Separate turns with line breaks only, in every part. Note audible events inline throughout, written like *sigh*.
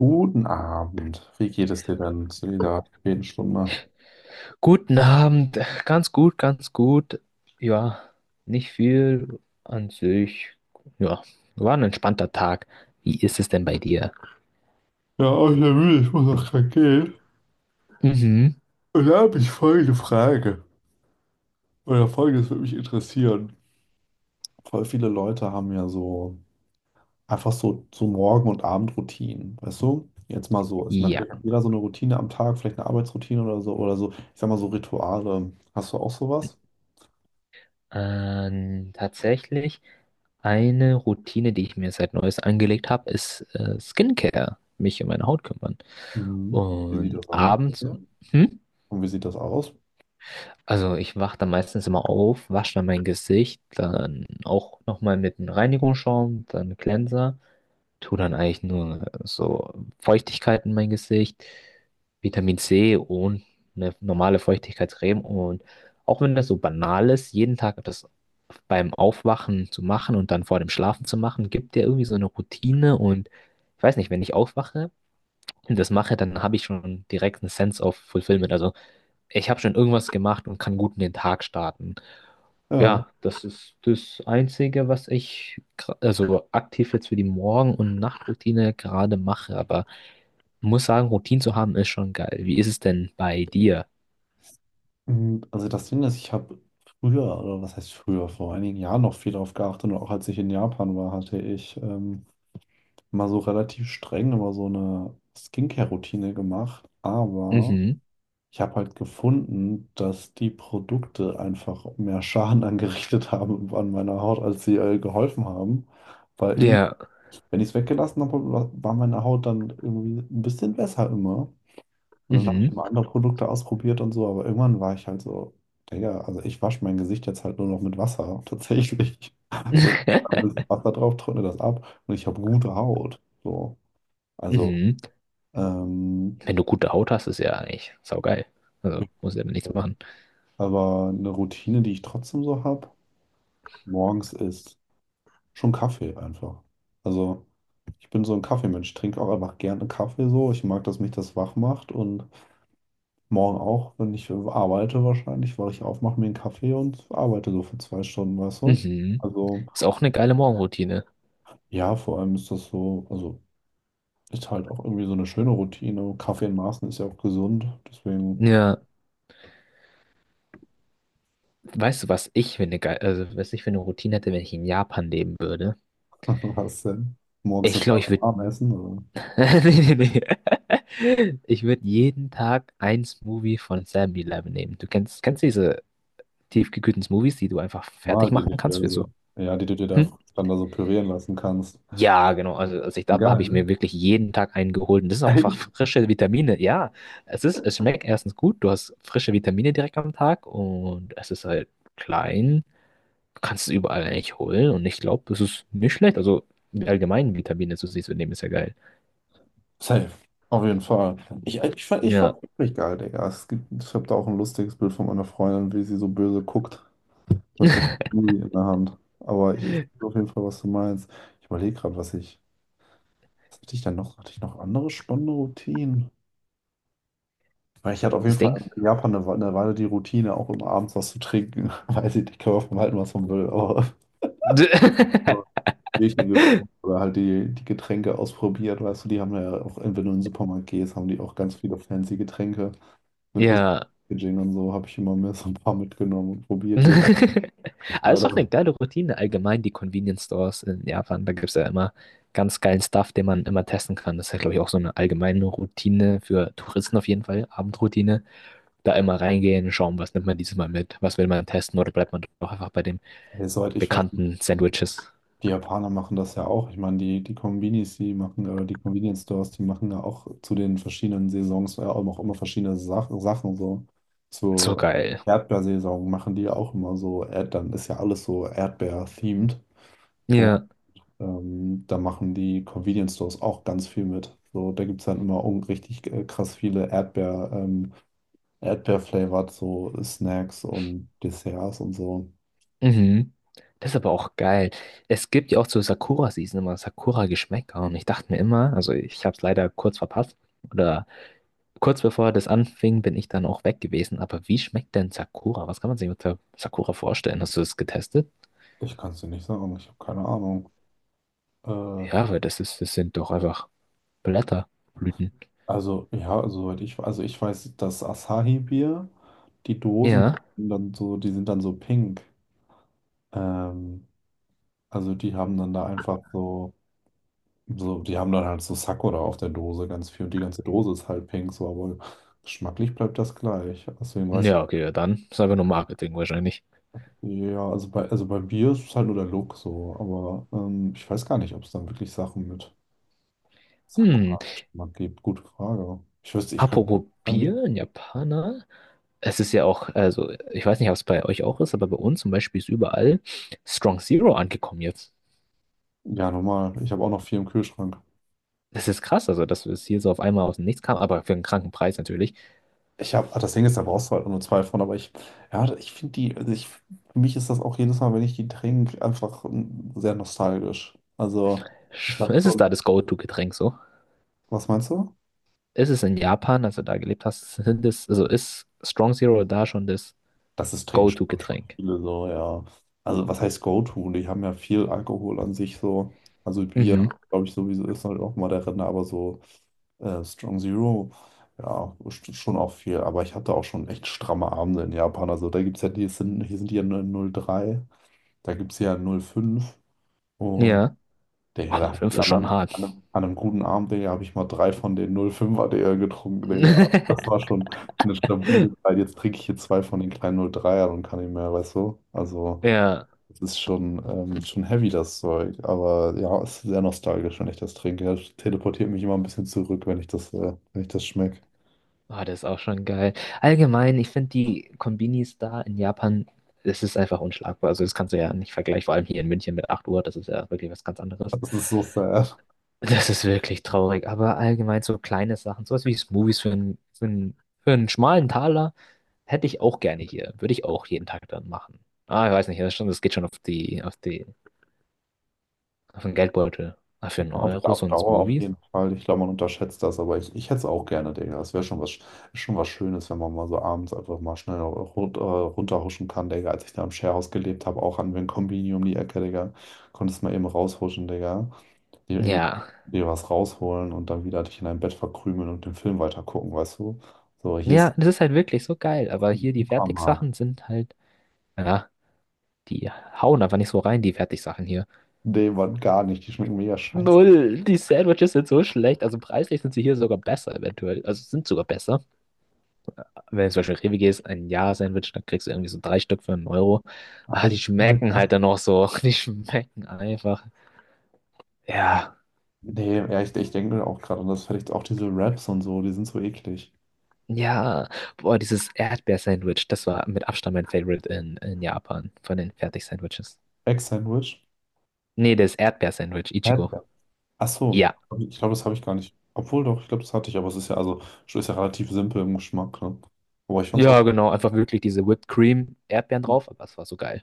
Guten Abend. Wie geht es dir denn zu dieser späten Stunde?
Guten Abend, ganz gut, ganz gut. Ja, nicht viel an sich. Ja, war ein entspannter Tag. Wie ist es denn bei dir?
Ja, auch sehr müde, ich muss auch gleich gehen.
Mhm.
Und da habe ich folgende Frage. Oder folgendes würde mich interessieren. Voll viele Leute haben ja so einfach so Morgen- und Abendroutinen, weißt du? Jetzt mal so, ist
Ja,
natürlich hat jeder so eine Routine am Tag, vielleicht eine Arbeitsroutine oder so, ich sag mal so Rituale. Hast du auch sowas?
tatsächlich eine Routine, die ich mir seit Neues angelegt habe, ist Skincare, mich um meine Haut kümmern.
Mhm. Wie sieht
Und
das aus?
abends,
Ja.
hm?
Und wie sieht das aus?
Also ich wache dann meistens immer auf, wasche dann mein Gesicht, dann auch nochmal mit einem Reinigungsschaum, dann Cleanser. Tue dann eigentlich nur so Feuchtigkeit in mein Gesicht, Vitamin C und eine normale Feuchtigkeitscreme. Und auch wenn das so banal ist, jeden Tag das beim Aufwachen zu machen und dann vor dem Schlafen zu machen, gibt dir irgendwie so eine Routine. Und ich weiß nicht, wenn ich aufwache und das mache, dann habe ich schon direkt einen Sense of Fulfillment. Also ich habe schon irgendwas gemacht und kann gut in den Tag starten.
Ja.
Ja, das ist das Einzige, was ich also aktiv jetzt für die Morgen- und Nachtroutine gerade mache. Aber muss sagen, Routinen zu haben ist schon geil. Wie ist es denn bei dir?
Also das Ding ist, ich habe früher, oder was heißt früher, vor einigen Jahren noch viel darauf geachtet und auch als ich in Japan war, hatte ich mal so relativ streng immer so eine Skincare-Routine gemacht. Aber
Mhm.
ich habe halt gefunden, dass die Produkte einfach mehr Schaden *laughs* angerichtet haben an meiner Haut, als sie geholfen haben. Weil irgendwie,
Ja.
wenn ich es weggelassen habe, war meine Haut dann irgendwie ein bisschen besser immer. Und dann habe ich
Mhm.
immer andere Produkte ausprobiert und so, aber irgendwann war ich halt so, Digga, also ich wasche mein Gesicht jetzt halt nur noch mit Wasser, *laughs* tatsächlich. So, ich mach ein bisschen
*laughs*
Wasser drauf, trockne das ab und ich habe gute Haut. So, also,
Mhm.
ähm,
Wenn du gute Haut hast, ist ja eigentlich saugeil. Also muss ja nichts machen.
aber eine Routine, die ich trotzdem so habe, morgens ist schon Kaffee einfach. Also, ich bin so ein Kaffeemensch, trinke auch einfach gerne Kaffee so. Ich mag, dass mich das wach macht und Morgen auch, wenn ich arbeite wahrscheinlich, weil ich aufmache mir einen Kaffee und arbeite so für 2 Stunden, weißt du?
Mhm.
Also
Ist auch eine geile Morgenroutine.
ja, vor allem ist das so, also ist halt auch irgendwie so eine schöne Routine. Kaffee in Maßen ist ja auch gesund, deswegen
Ja. Weißt du, was ich für eine Routine hätte, wenn ich in Japan leben würde?
*laughs* was denn? Morgens
Ich
eine
glaube,
Schale
ich würde
warm essen also
*laughs* Nee, nee, nee. *laughs* Ich würde jeden Tag ein Smoothie von 7-Eleven nehmen. Kennst du diese tiefgekühlten Smoothies, die du einfach
mal
fertig
die du
machen kannst
dir
für so.
so, ja, die du dir da
Hm?
dann da so pürieren lassen kannst.
Ja, genau. Also als ich da war, habe
Geil,
ich
ne?
mir wirklich jeden Tag einen geholt. Und das sind auch einfach
Echt?
frische Vitamine. Ja, es ist, es schmeckt erstens gut. Du hast frische Vitamine direkt am Tag und es ist halt klein. Du kannst es überall eigentlich holen. Und ich glaube, das ist nicht schlecht. Also allgemein Vitamine zu sich zu nehmen, ist ja geil.
Safe. Auf jeden Fall. Ich fand
Ja.
es wirklich geil, Digga. Es gibt, ich habe da auch ein lustiges Bild von meiner Freundin, wie sie so böse guckt. Mit so
*laughs*
einem Gummi in der Hand. Aber ich weiß auf jeden Fall, was du meinst. Ich überlege gerade, was ich. Was hatte ich denn noch? Hatte ich noch andere spannende Routinen? Weil ich hatte auf jeden
Das
Fall
Ding.
in Japan eine Weile die Routine, auch immer abends was zu trinken. *laughs* Weiß ich nicht, kann man von halten, was man will, aber *laughs* nur
*laughs*
Bierchen getrunken oder halt die Getränke ausprobiert. Weißt du, die haben ja auch, wenn du in den Supermarkt gehst, haben die auch ganz viele fancy Getränke mit Lust.
Ja.
Packaging und so habe ich immer mehr so ein paar mitgenommen und probiert hier.
*laughs* Aber es ist auch eine
Leider,
geile Routine allgemein, die Convenience Stores in Japan. Da gibt es ja immer ganz geilen Stuff, den man immer testen kann. Das ist ja, glaube ich, auch so eine allgemeine Routine für Touristen auf jeden Fall, Abendroutine. Da immer reingehen, schauen, was nimmt man dieses Mal mit, was will man testen oder bleibt man doch einfach bei den
ey, soweit ich weiß,
bekannten Sandwiches.
die Japaner machen das ja auch. Ich meine, die Kombinis, die machen, oder die Convenience Stores, die machen ja auch zu den verschiedenen Saisons ja auch noch immer verschiedene Sachen so.
So
Zur
geil.
Erdbeersaison machen die ja auch immer so, Erd dann ist ja alles so Erdbeer-themed. Und
Ja.
da machen die Convenience Stores auch ganz viel mit. So, da gibt es dann immer richtig krass viele Erdbeer-flavored so Snacks und Desserts und so.
Mhm. Das ist aber auch geil. Es gibt ja auch zur Sakura-Season immer Sakura-Geschmäcker und ich dachte mir immer, also ich habe es leider kurz verpasst oder kurz bevor das anfing, bin ich dann auch weg gewesen. Aber wie schmeckt denn Sakura? Was kann man sich unter Sakura vorstellen? Hast du das getestet?
Ich kann es dir nicht sagen, ich habe keine Ahnung. Äh,
Ja, weil das ist, das sind doch einfach Blätter, Blüten.
Also, ja, also, soweit ich, also ich weiß, das Asahi-Bier, die Dosen
Ja.
sind dann so pink. Ähm, also die haben dann da einfach so, die haben dann halt so Sakura auf der Dose ganz viel und die ganze Dose ist halt pink, so, aber geschmacklich bleibt das gleich. Deswegen weiß ich,
Ja, okay, ja, dann ist einfach nur Marketing wahrscheinlich.
ja, also bei Bier ist es halt nur der Look so, aber ich weiß gar nicht, ob es dann wirklich Sachen mit
Hm.
Sakura-Geschmack gibt. Gute Frage. Ich wüsste, ich könnte
Apropos
irgendwie,
Bier, ein Japaner. Es ist ja auch, also ich weiß nicht, ob es bei euch auch ist, aber bei uns zum Beispiel ist überall Strong Zero angekommen jetzt.
ja, normal, ich habe auch noch viel im Kühlschrank.
Das ist krass, also dass es hier so auf einmal aus dem Nichts kam, aber für einen kranken Preis natürlich.
Ich habe, das Ding ist, da brauchst du halt nur zwei von, aber ich, ja, ich finde die, also ich, für mich ist das auch jedes Mal, wenn ich die trinke, einfach sehr nostalgisch. Also, ich sag
Es ist
schon,
da das Go-To-Getränk so.
was meinst du?
Ist es in Japan, als du da gelebt hast, sind es, also ist Strong Zero da schon das
Das ist trinken schon
Go-To-Getränk?
viele so, ja. Also, was heißt Go-To? Die haben ja viel Alkohol an sich so. Also, Bier,
Mhm.
glaube ich, sowieso ist halt auch mal der Renner, aber so Strong Zero, ja, schon auch viel. Aber ich hatte auch schon echt stramme Abende in Japan. Also, da gibt es ja, hier sind die ja 0,3, da gibt es ja 0,5. Und
Ja. Oh,
Digga, da
eine
habe
fünf
ich
ist
an einem,
schon hart.
an einem, an einem guten Abend, Digga, habe ich mal drei von den 0,5er, Digga, getrunken, Digga. Das war
*laughs*
schon eine stabile Zeit. Jetzt trinke ich hier zwei von den kleinen 0,3ern und kann nicht mehr, weißt du? Also,
Ja.
es ist schon heavy, das Zeug. Aber ja, es ist sehr nostalgisch, wenn ich das trinke. Das teleportiert mich immer ein bisschen zurück, wenn ich das schmecke.
Oh, das ist auch schon geil. Allgemein, ich finde die Konbinis da in, Japan, das ist einfach unschlagbar. Also das kannst du ja nicht vergleichen, vor allem hier in München mit 8 Uhr, das ist ja wirklich was ganz anderes.
Das ist so sad.
Das ist wirklich traurig, aber allgemein so kleine Sachen, sowas wie Smoothies für einen schmalen Taler, hätte ich auch gerne hier. Würde ich auch jeden Tag dann machen. Ah, ich weiß nicht, das ist schon, das geht schon auf den Geldbeutel. Ah, für
Ja,
einen
Auf,
Euro
auf
so ein
Dauer auf
Smoothies?
jeden Fall. Ich glaube, man unterschätzt das, aber ich hätte es auch gerne, Digga. Es wäre schon was Schönes, wenn man mal so abends einfach mal schnell runterhuschen kann, Digga. Als ich da im Sharehouse gelebt habe, auch an den Kombini um die Ecke, Digga, konntest mal eben raushuschen, Digga. Dir irgendwie
Ja.
dir was rausholen und dann wieder dich in dein Bett verkrümeln und den Film weitergucken, weißt du? So, hier ist
Ja, das ist halt wirklich so geil, aber
der
hier die
Supermarkt.
Fertigsachen sind halt, ja, die hauen einfach nicht so rein, die Fertigsachen hier.
Nee, Mann, gar nicht. Die schmecken mega scheiße.
Null, die Sandwiches sind so schlecht, also preislich sind sie hier sogar besser eventuell, also sind sogar besser. Wenn du zum Beispiel in Rewe gehst, ein Ja-Sandwich, dann kriegst du irgendwie so drei Stück für 1 Euro.
Aber
Ah, die
die schmecken halt
schmecken
kacke.
halt dann noch so. *laughs* Die schmecken einfach. Ja.
Nee, ja, ich denke auch gerade, und das vielleicht auch diese Raps und so, die sind so eklig.
Ja. Boah, dieses Erdbeer-Sandwich, das war mit Abstand mein Favorite in Japan von den Fertig-Sandwiches.
Egg-Sandwich?
Nee, das Erdbeer-Sandwich, Ichigo.
Erdbeer. Ach so,
Ja.
ich glaube, das habe ich gar nicht. Obwohl doch, ich glaube, das hatte ich, aber es ist ja also schon ist ja relativ simpel im Geschmack, ne? Aber ich fand's
Ja,
auch.
genau. Einfach wirklich diese Whipped Cream, Erdbeeren drauf, aber es war so geil.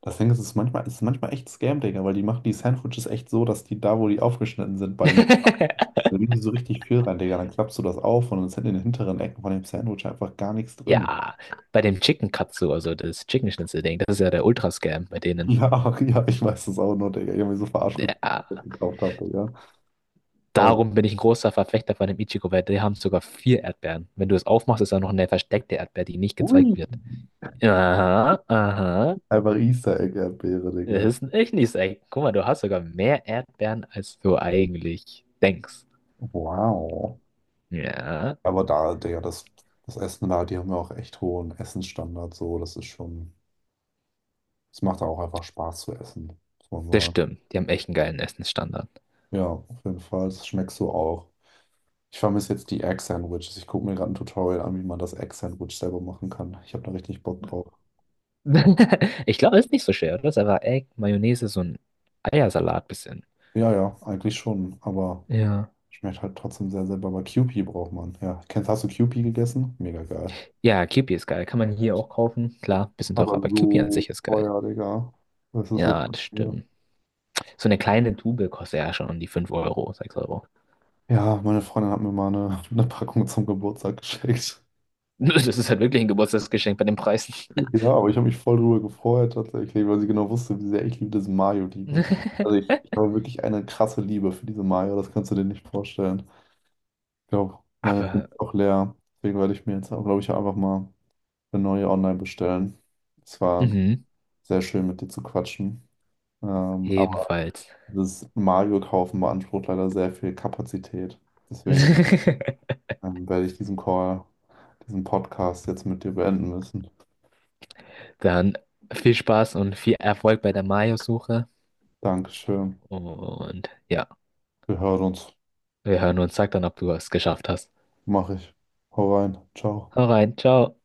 Das Ding ist, es ist manchmal echt Scam, Digga, weil die machen die Sandwiches echt so, dass die da, wo die aufgeschnitten sind, bei den.
*laughs*
Da legen die so richtig viel rein, Digga. Dann klappst du das auf und dann sind in den hinteren Ecken von dem Sandwich einfach gar nichts drin.
Ja, bei dem Chicken Katsu, also das Chicken Schnitzel Ding, das ist ja der Ultra-Scam bei denen.
Ja, *laughs* ja, ich weiß das auch nur, Digga. Ich habe mich so verarscht gefühlt, als ich
Ja.
das gekauft habe, Digga. Aber die,
Darum bin ich ein großer Verfechter von dem Ichigo, weil die haben sogar vier Erdbeeren. Wenn du es aufmachst, ist da noch eine versteckte Erdbeer, die nicht
ui,
gezeigt wird. Aha, aha.
einfach Easter Egg-Erdbeere,
Das
Digga.
ist ein Echnis, ey. Guck mal, du hast sogar mehr Erdbeeren, als du eigentlich denkst.
Wow.
Ja,
Aber da, das Essen da, die haben ja auch echt hohen Essensstandard, so, das ist schon, es macht auch einfach Spaß zu essen, muss man
das
sagen.
stimmt. Die haben echt einen geilen Essensstandard.
Ja, auf jeden Fall, das schmeckst du auch. Ich vermisse jetzt die Egg-Sandwiches. Ich gucke mir gerade ein Tutorial an, wie man das Egg-Sandwich selber machen kann. Ich habe da richtig Bock drauf.
*laughs* Ich glaube, das ist nicht so schwer, oder? Das ist einfach Egg, Mayonnaise, so ein Eiersalat bisschen.
Ja, ja, eigentlich schon, aber
Ja.
schmeckt halt trotzdem sehr selber. Aber Kewpie braucht man. Ja, hast du Kewpie gegessen? Mega geil.
Ja, Kewpie ist geil. Kann man hier auch kaufen. Klar, bisschen teurer,
Aber
aber Kewpie an
so
sich ist geil.
teuer, Digga. Das ist so
Ja, das
teuer.
stimmt. So eine kleine Tube kostet ja schon um die 5 Euro, 6 Euro. *laughs*
Ja, meine Freundin hat mir mal eine, *laughs* eine Packung zum Geburtstag geschenkt.
Das ist halt wirklich ein Geburtstagsgeschenk bei den Preisen.
Ja, aber ich habe mich voll drüber gefreut tatsächlich, weil sie genau wusste, wie sehr ich liebe diese Mayo liebe. Also
*laughs*
ich habe wirklich eine krasse Liebe für diese Mayo, das kannst du dir nicht vorstellen. Ich glaube, meine sind
Aber,
auch leer. Deswegen werde ich mir jetzt, glaube ich, einfach mal eine neue online bestellen. Es war
mhm,
sehr schön, mit dir zu quatschen. Aber
ebenfalls.
das Mayo-Kaufen beansprucht leider sehr viel Kapazität. Deswegen
*laughs*
dann werde ich diesen Call, diesen Podcast jetzt mit dir beenden müssen.
Dann viel Spaß und viel Erfolg bei der Mayo-Suche.
Dankeschön.
Und ja,
Wir hören uns.
wir hören uns. Sag dann, ob du es geschafft hast.
Mach ich. Hau rein. Ciao.
Hau rein, ciao.